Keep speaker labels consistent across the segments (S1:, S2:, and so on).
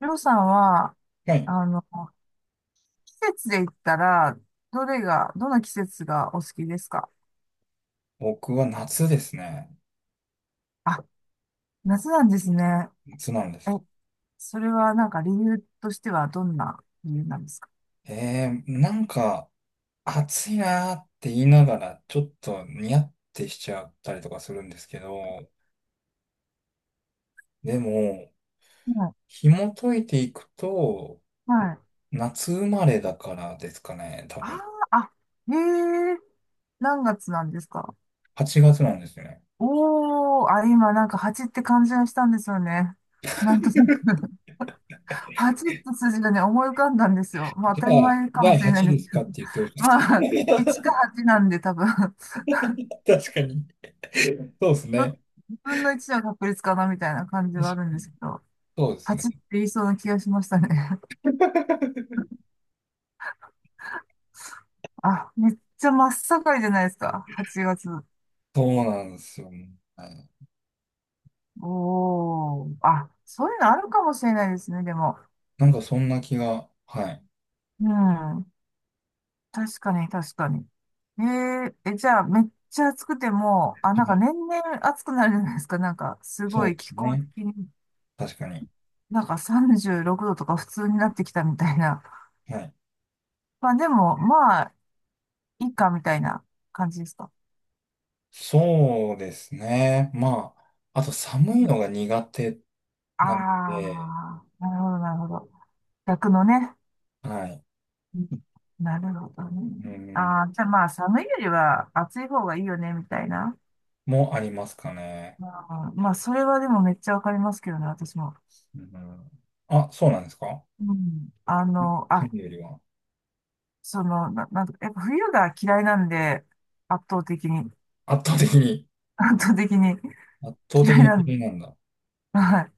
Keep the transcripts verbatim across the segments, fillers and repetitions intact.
S1: りょうさんは、
S2: はい。
S1: あの、季節で言ったら、どれが、どの季節がお好きですか？
S2: 僕は夏ですね。
S1: あ、夏なんですね。
S2: 夏なんで
S1: え、
S2: す。
S1: それはなんか理由としてはどんな理由なんですか？
S2: えー、なんか、暑いなーって言いながら、ちょっとニヤってしちゃったりとかするんですけど、でも、
S1: はい。
S2: 紐解いていくと、
S1: はい。
S2: 夏生まれだからですかね、多
S1: あー。
S2: 分。
S1: あ、へえ、何月なんですか？
S2: はちがつなんですよね。
S1: おー、あ、今なんか蜂って感じがしたんですよね。なんとな く 蜂って数字がね、思い浮かんだんですよ。まあ
S2: じゃ
S1: 当た
S2: あ、
S1: り前か
S2: じゃあ
S1: もしれな
S2: はち
S1: いで
S2: で
S1: すけ
S2: すか
S1: ど。
S2: って言ってほ し
S1: まあ、
S2: いで
S1: いちか
S2: す。
S1: はちなんで多分、
S2: 確かに。そうです
S1: ど、
S2: ね。
S1: 分のいちの確率かなみたいな感じはあ
S2: し
S1: るんですけど、
S2: そうですね。
S1: はちって言いそうな気がしましたね。あ、めっちゃ真っ盛りじゃないですか。はちがつ。
S2: そうなんですよね。はい。
S1: おー。あ、そういうのあるかもしれないですね、でも。
S2: なんかそんな気が、はい。
S1: うん。確かに、確かに。えー、え、じゃあ、めっちゃ暑くても、あ、なん
S2: は
S1: か
S2: い。
S1: 年々暑くなるじゃないですか。なんか、す
S2: そ
S1: ご
S2: う
S1: い
S2: で
S1: 気
S2: す
S1: 候
S2: ね。
S1: 的に、
S2: 確かに。
S1: なんかさんじゅうろくどとか普通になってきたみたいな。
S2: はい。
S1: まあ、でも、まあ、いいかみたいな感じですか？
S2: そうですね。まあ、あと寒いのが苦手
S1: あ
S2: なんで、
S1: あ、なるほど、なるほど。逆のね。
S2: はい。
S1: うん。なるほどね。
S2: うん、
S1: ああ、じゃあまあ、寒いよりは暑い方がいいよね、みたいな。
S2: もありますかね。
S1: まあ、まあそれはでもめっちゃわかりますけどね、私も。
S2: うん、あ、そうなんですか。
S1: うん。あの、
S2: そ
S1: あ、
S2: れよりは。
S1: その、な、なんとか、やっぱ冬が嫌いなんで、圧倒的に、
S2: 圧倒的に、
S1: 圧倒的に
S2: 圧倒的
S1: 嫌い
S2: に
S1: なん
S2: 嫌い
S1: で、
S2: なんだ。
S1: はい。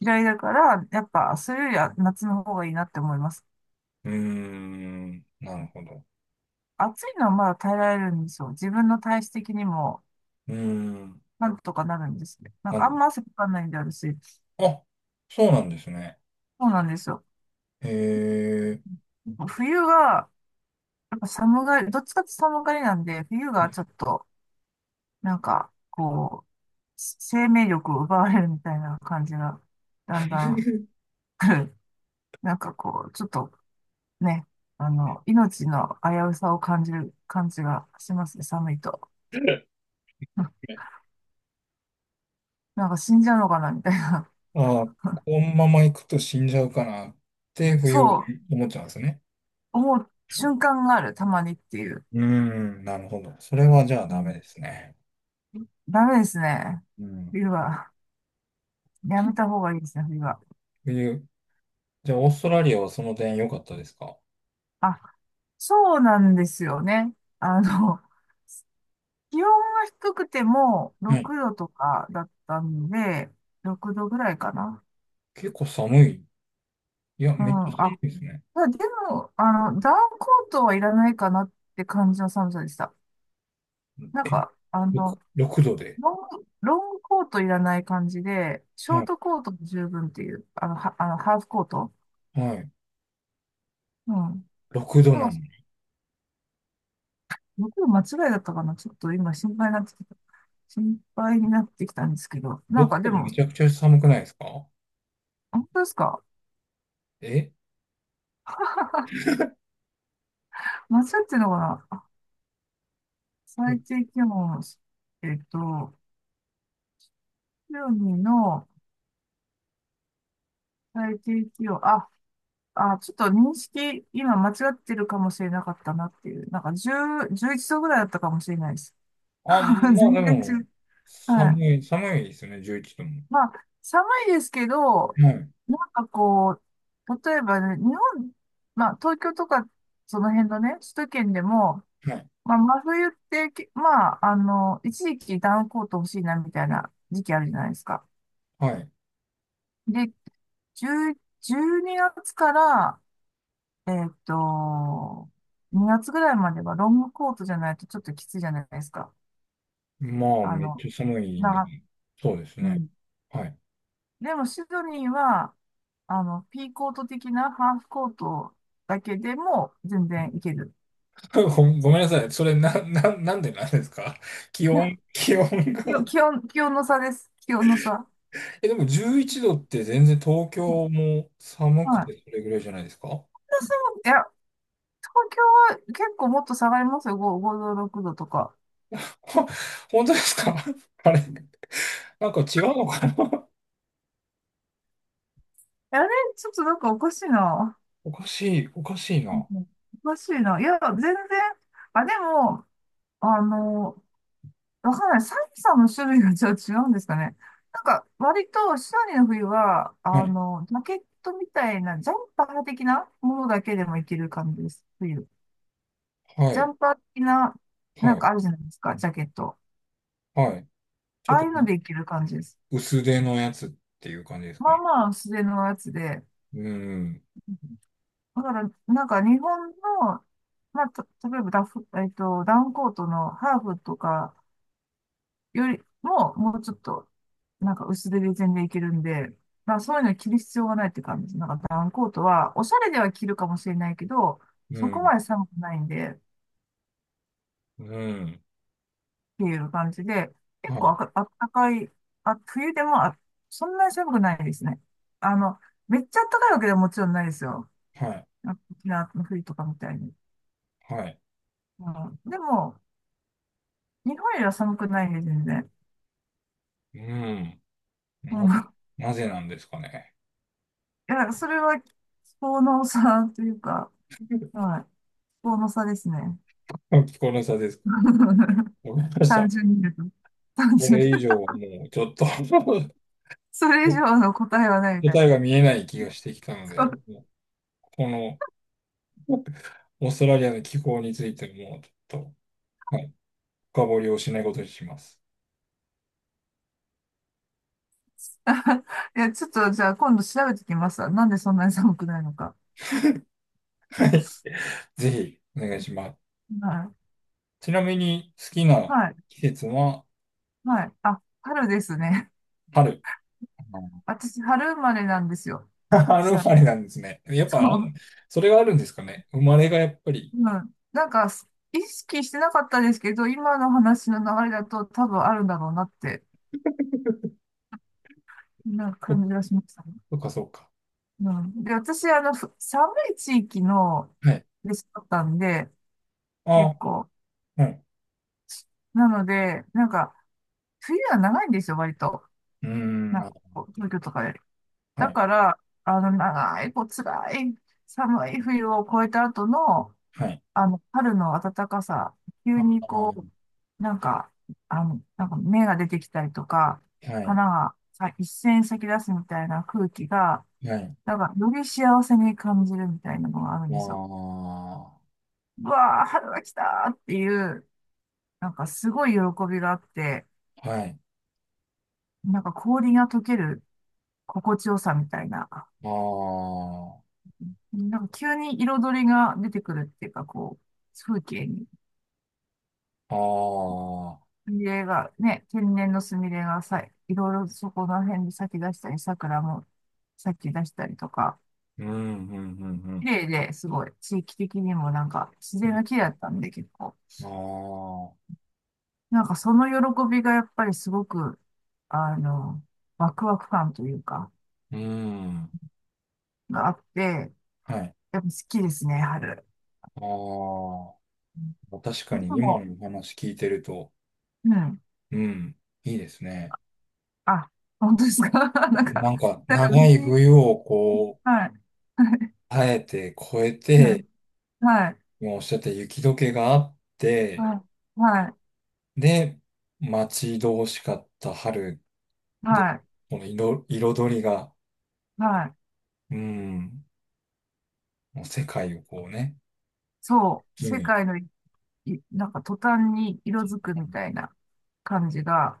S1: 嫌いだから、やっぱ、それよりは夏の方がいいなって思います。
S2: うーん、なるほど。
S1: 暑いのはまだ耐えられるんですよ。自分の体質的にも、
S2: うーん、
S1: なんとかなるんですね。なん
S2: なん
S1: かあ
S2: で、
S1: んま汗かかないんで、私。
S2: あ、そうなんですね。
S1: そうなんですよ。
S2: へ
S1: 冬が、やっぱ寒がり、どっちかって寒がりなんで、冬が
S2: え。
S1: ちょっと、なんか、こう、生命力を奪われるみたいな感じが、だんだん 来る。なんかこう、ちょっとね、あの、命の危うさを感じる感じがしますね、寒いと。うん。なんか死んじゃうのかな、みたいな。
S2: ああ、このまま行くと死んじゃうかなって、冬
S1: そう、
S2: 思っちゃうんですね。
S1: 思う瞬間がある、たまにっていう。
S2: うーん、なるほど。それはじゃあ
S1: う
S2: ダメ
S1: ん。
S2: ですね。
S1: ダメですね、
S2: うん。
S1: 冬は。やめた方がいいですね、冬は。
S2: 冬、じゃあオーストラリアはその点良かったですか？
S1: あ、そうなんですよね。あの、気温が低くても
S2: はい。
S1: ろくどとかだったんで、ろくどぐらいかな。
S2: 結構寒い。いや、
S1: う
S2: めっちゃ
S1: ん。
S2: 寒
S1: あ、
S2: いですね。
S1: まあでも、あの、ダウンコートはいらないかなって感じの寒さでした。なん
S2: え、
S1: か、あの、
S2: ろく度で。
S1: ロング、ロングコートいらない感じで、シ
S2: は
S1: ョー
S2: い。
S1: トコートも十分っていう、あの、は、あの、ハーフコート。
S2: はい。
S1: うん。
S2: ろくど
S1: だか
S2: な
S1: ら、
S2: のに。
S1: 僕の間違いだったかな。ちょっと今心配になってきた。心配になってきたんですけど、なんか
S2: 6
S1: で
S2: 度
S1: も、
S2: めちゃくちゃ寒くないですか？
S1: 本当ですか？
S2: え、
S1: 夏っていうのは、最低気温、えっと、いちの最低気温、あ、あ、ちょっと認識、今間違ってるかもしれなかったなっていう、なんかじゅう、いちどぐらいだったかもしれないです。
S2: あ、ま あ
S1: 全
S2: で
S1: 然違
S2: も、
S1: う。はい。
S2: 寒い、寒いですよね、じゅういちども。
S1: まあ、寒いですけど、
S2: はい。
S1: なんかこう、例えばね、日本、まあ、東京とか、その辺のね、首都圏でも、
S2: はい。
S1: まあ、真冬ってき、まあ、あの、一時期ダウンコート欲しいなみたいな時期あるじゃないですか。
S2: はい。
S1: で、じゅう、じゅうにがつから、えっと、にがつぐらいまではロングコートじゃないとちょっときついじゃないですか。
S2: まあ、
S1: あ
S2: めっ
S1: の、
S2: ちゃ寒いんで、
S1: な、
S2: そうです
S1: う
S2: ね。
S1: ん。
S2: はい。
S1: でも、シドニーは、あの、ピーコート的なハーフコートだけでも全然いける。
S2: ごごめんなさい。それな、な、なんでなんですか？ 気温、気温
S1: いや
S2: が
S1: 気温、気温気温の差です。気温の差。は
S2: え、でもじゅういちどって全然東
S1: い。
S2: 京も寒く
S1: 私
S2: てそれぐらいじゃないですかほ
S1: も、いや、東京は結構もっと下がりますよ。ご、ごど、ろくどとか。
S2: 本当ですか？ あれ、なんか違うのかな。
S1: あれ、ちょっとなんかおかしいな。
S2: おかしい、おかしい
S1: う
S2: な。
S1: ん。おかしいな。いや、全然。あ、でも、あの、わかんない。寒さの種類がじゃあ違うんですかね。なんか、割と、シドニーの冬は、
S2: は
S1: あ
S2: い
S1: の、ジャケットみたいな、ジャンパー的なものだけでもいける感じです。冬。
S2: は
S1: ジャ
S2: い、
S1: ンパー的な、なん
S2: はい、
S1: かあるじゃないですか、ジャケット。
S2: はい。ち
S1: あ
S2: ょっ
S1: あ
S2: と
S1: いうのでいける感じです。
S2: 薄手のやつっていう感じですか
S1: まあ
S2: ね。
S1: まあ、薄手のやつで。
S2: うん、
S1: だから、なんか日本の、まあ、た例えばダフ、えっと、ダウンコートのハーフとかよりも、もうちょっと、なんか薄手で全然いけるんで、まあ、そういうの着る必要がないって感じです。なんかダウンコートは、おしゃれでは着るかもしれないけど、
S2: う
S1: そこ
S2: ん、
S1: まで寒くないんで、っ
S2: うん。
S1: ていう感じで、
S2: は
S1: 結構あ
S2: い、
S1: か、あったかい、あ、冬でもあ、そんなに寒くないですね。あの、めっちゃあったかいわけではもちろんないですよ。
S2: はい、
S1: 沖縄の冬とかみたいに。
S2: はい。
S1: うん、でも、日本よりは寒くないね、全然。
S2: うん。
S1: う
S2: な
S1: ん。
S2: ぜ、
S1: い
S2: なぜなんですかね。
S1: や、なんかそれは気候の差というか、はい。気候の差ですね。
S2: 気候の差です。わかりまし
S1: 単
S2: た。
S1: 純に言うと。単
S2: こ
S1: 純
S2: れ以上 はもうちょっと
S1: それ以上の答えはないみたいな。
S2: 答えが見 えない気がしてきたの
S1: そ
S2: で、
S1: う。
S2: もうこのオーストラリアの気候についてもうちょっと、はい、深掘りをしないことにします。
S1: いや、ちょっとじゃあ今度調べてきます。なんでそんなに寒くないのか。
S2: ぜひお願いします。
S1: は
S2: ちなみに好き
S1: い。
S2: な
S1: はい。
S2: 季節は
S1: はい。あ、春ですね。
S2: 春。あ
S1: 私、春生まれなんですよ。
S2: ー
S1: 違
S2: 春生
S1: う。
S2: まれなんですね。やっぱ、
S1: そ
S2: あ、
S1: う。
S2: それがあるんですかね。生まれがやっぱり。
S1: うん。なんか、意識してなかったですけど、今の話の流れだと多分あるんだろうなってな
S2: そ
S1: 感じがしましたね。
S2: そっかそっか。
S1: うん。で、私、あの、ふ寒い地域の、
S2: はい。
S1: で育ったんで、結
S2: あ、
S1: 構。
S2: はい。
S1: なので、なんか、冬は長いんですよ、割と。
S2: うー
S1: な
S2: ん、
S1: ん
S2: あ、
S1: かこう、東京とかより。
S2: は
S1: だ
S2: い。
S1: から、あの、長い、こう、辛い、寒い冬を越えた後の、
S2: はい。
S1: あの、春の暖かさ、急
S2: あ
S1: に
S2: ー、
S1: こう、なんか、あの、なんか芽が出てきたりとか、
S2: はい。
S1: 花がさ一斉に咲き出すみたいな空気が、
S2: はい。
S1: なんか、より幸せに感じるみたいなのがある
S2: あ
S1: んですよ。
S2: あ。
S1: うわー、春が来たーっていう、なんかすごい喜びがあって、
S2: はい。
S1: なんか氷が溶ける心地よさみたいな、
S2: あ
S1: なんか急に彩りが出てくるっていうか、こう、風景に、
S2: あ、ああ、
S1: スミレがね、天然のスミレがさ、いろいろそこら辺で咲き出したり、桜も咲き出したりとか、
S2: うん、うん、う
S1: 綺
S2: ん、
S1: 麗ですごい、地域的にもなんか自
S2: う
S1: 然
S2: ん。
S1: が綺麗だったんで結構。
S2: ああ、
S1: なんかその喜びがやっぱりすごく、あの、ワクワク感というか、
S2: うん、
S1: があって、
S2: はい。
S1: やっぱ好きですね、春。
S2: ああ、確
S1: う
S2: か
S1: ん。で
S2: に今
S1: も、
S2: のお話聞いてると、
S1: うん。
S2: うん、いいですね。
S1: あ、本当ですか？ なんか、
S2: なんか、
S1: なんか別
S2: 長い
S1: に、
S2: 冬をこう、
S1: はい、
S2: 耐えて、越え
S1: はい、
S2: て、
S1: はい、
S2: もうおっしゃった雪解けがあって、
S1: はい、
S2: で、待ち遠しかった春
S1: はい、
S2: で、
S1: は
S2: この色、彩りが、
S1: い、はい。
S2: うん、もう世界をこうね、
S1: そう、
S2: 木
S1: 世
S2: に。
S1: 界の一いなんか途端に色づくみたいな感じが、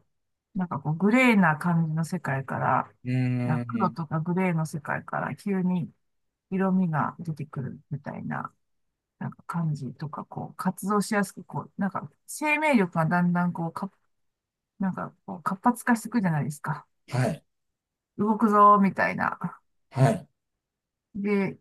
S1: なんかこうグレーな感じの世界から、
S2: う
S1: なん
S2: ー
S1: か黒
S2: ん。
S1: とかグレーの世界から急に色味が出てくるみたいな、なんか感じとか、こう活動しやすく、こう、なんか生命力がだんだんこう、か、なんかこう活発化していくじゃないですか。
S2: はい。
S1: 動くぞーみたいな。
S2: はい。
S1: で、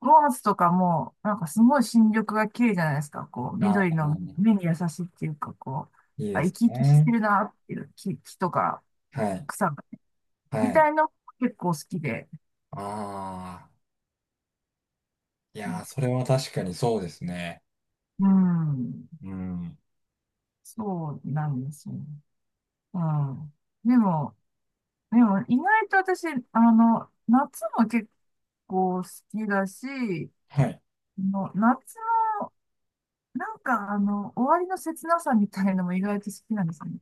S1: ローズとかも、なんかすごい新緑が綺麗じゃないですか。こう、
S2: あ
S1: 緑
S2: あ、
S1: の目に優しいっていうか、こう、
S2: いい
S1: あ、
S2: で
S1: 生
S2: す
S1: き生きして
S2: ね。
S1: るなっていう木、木とか
S2: はい。
S1: 草が、み
S2: はい。
S1: たいの結構好きで。
S2: ああ。いやー、それは確かにそうですね。
S1: うん。
S2: うん。
S1: そうなんですよ。うん。でも、でも意外と私、あの、夏も結構好きだし、
S2: はい。
S1: の夏の、なんかあの、終わりの切なさみたいのも意外と好きなんですよね。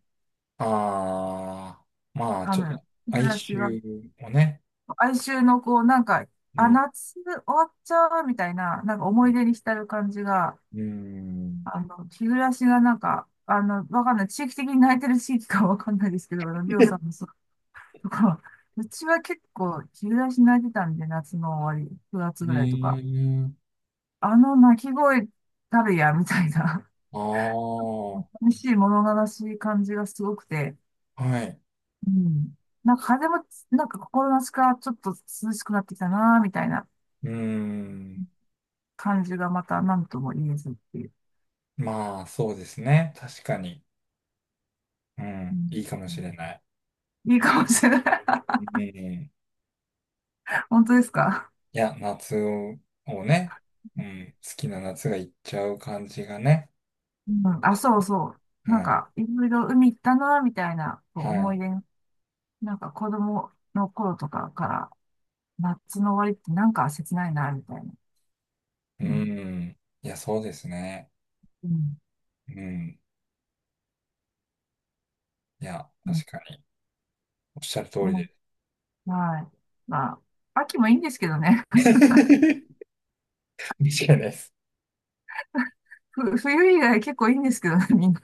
S2: ああ。まあ、
S1: あ
S2: ちょっ
S1: の、
S2: と、
S1: 日
S2: 哀
S1: 暮らしが
S2: 愁をね。
S1: 哀愁のこう、なんか、
S2: う
S1: あ、
S2: ん。
S1: 夏終わっちゃうみたいな、なんか思い出に浸る感じが、
S2: うん。
S1: あの、日暮らしがなんか、あの、わかんない。地域的に泣いてる地域かわかんないですけど、あの、りょうさんのそうとかうちは結構日暮らし泣いてたんで、夏の終わり、くがつ
S2: う
S1: ぐらいとか、
S2: ーん。
S1: あの泣き声たるや、みたいな、
S2: ああ。
S1: 寂しい物悲しい感じがすごくて、
S2: はい。
S1: うん。なんか風も、なんか心なしかちょっと涼しくなってきたな、みたいな。
S2: うーん。
S1: 感じがまた何とも言えずっていう。
S2: まあ、そうですね。確かに。う
S1: う
S2: ん。いいかもし
S1: ん、
S2: れない。
S1: いいかもしれない。
S2: うん。
S1: 本当ですか、
S2: いや、夏を、をね、うん、好きな夏が行っちゃう感じがね。
S1: うん、あ、そうそう。なん
S2: は
S1: か、いろいろ海行ったな、みたいなこ
S2: い。
S1: う
S2: は
S1: 思い
S2: い。
S1: 出、なんか子供の頃とかから、夏の終わりってなんか切ないな、みたいな。
S2: う
S1: うん。
S2: ん。いや、そうですね。
S1: うん。
S2: うん。いや、
S1: うん。
S2: 確かに。おっしゃる通り
S1: ね。
S2: で。
S1: はい。まあ、秋もいいんですけどね。
S2: 間違いないです。
S1: ふ 冬以外結構いいんですけどね、みんな。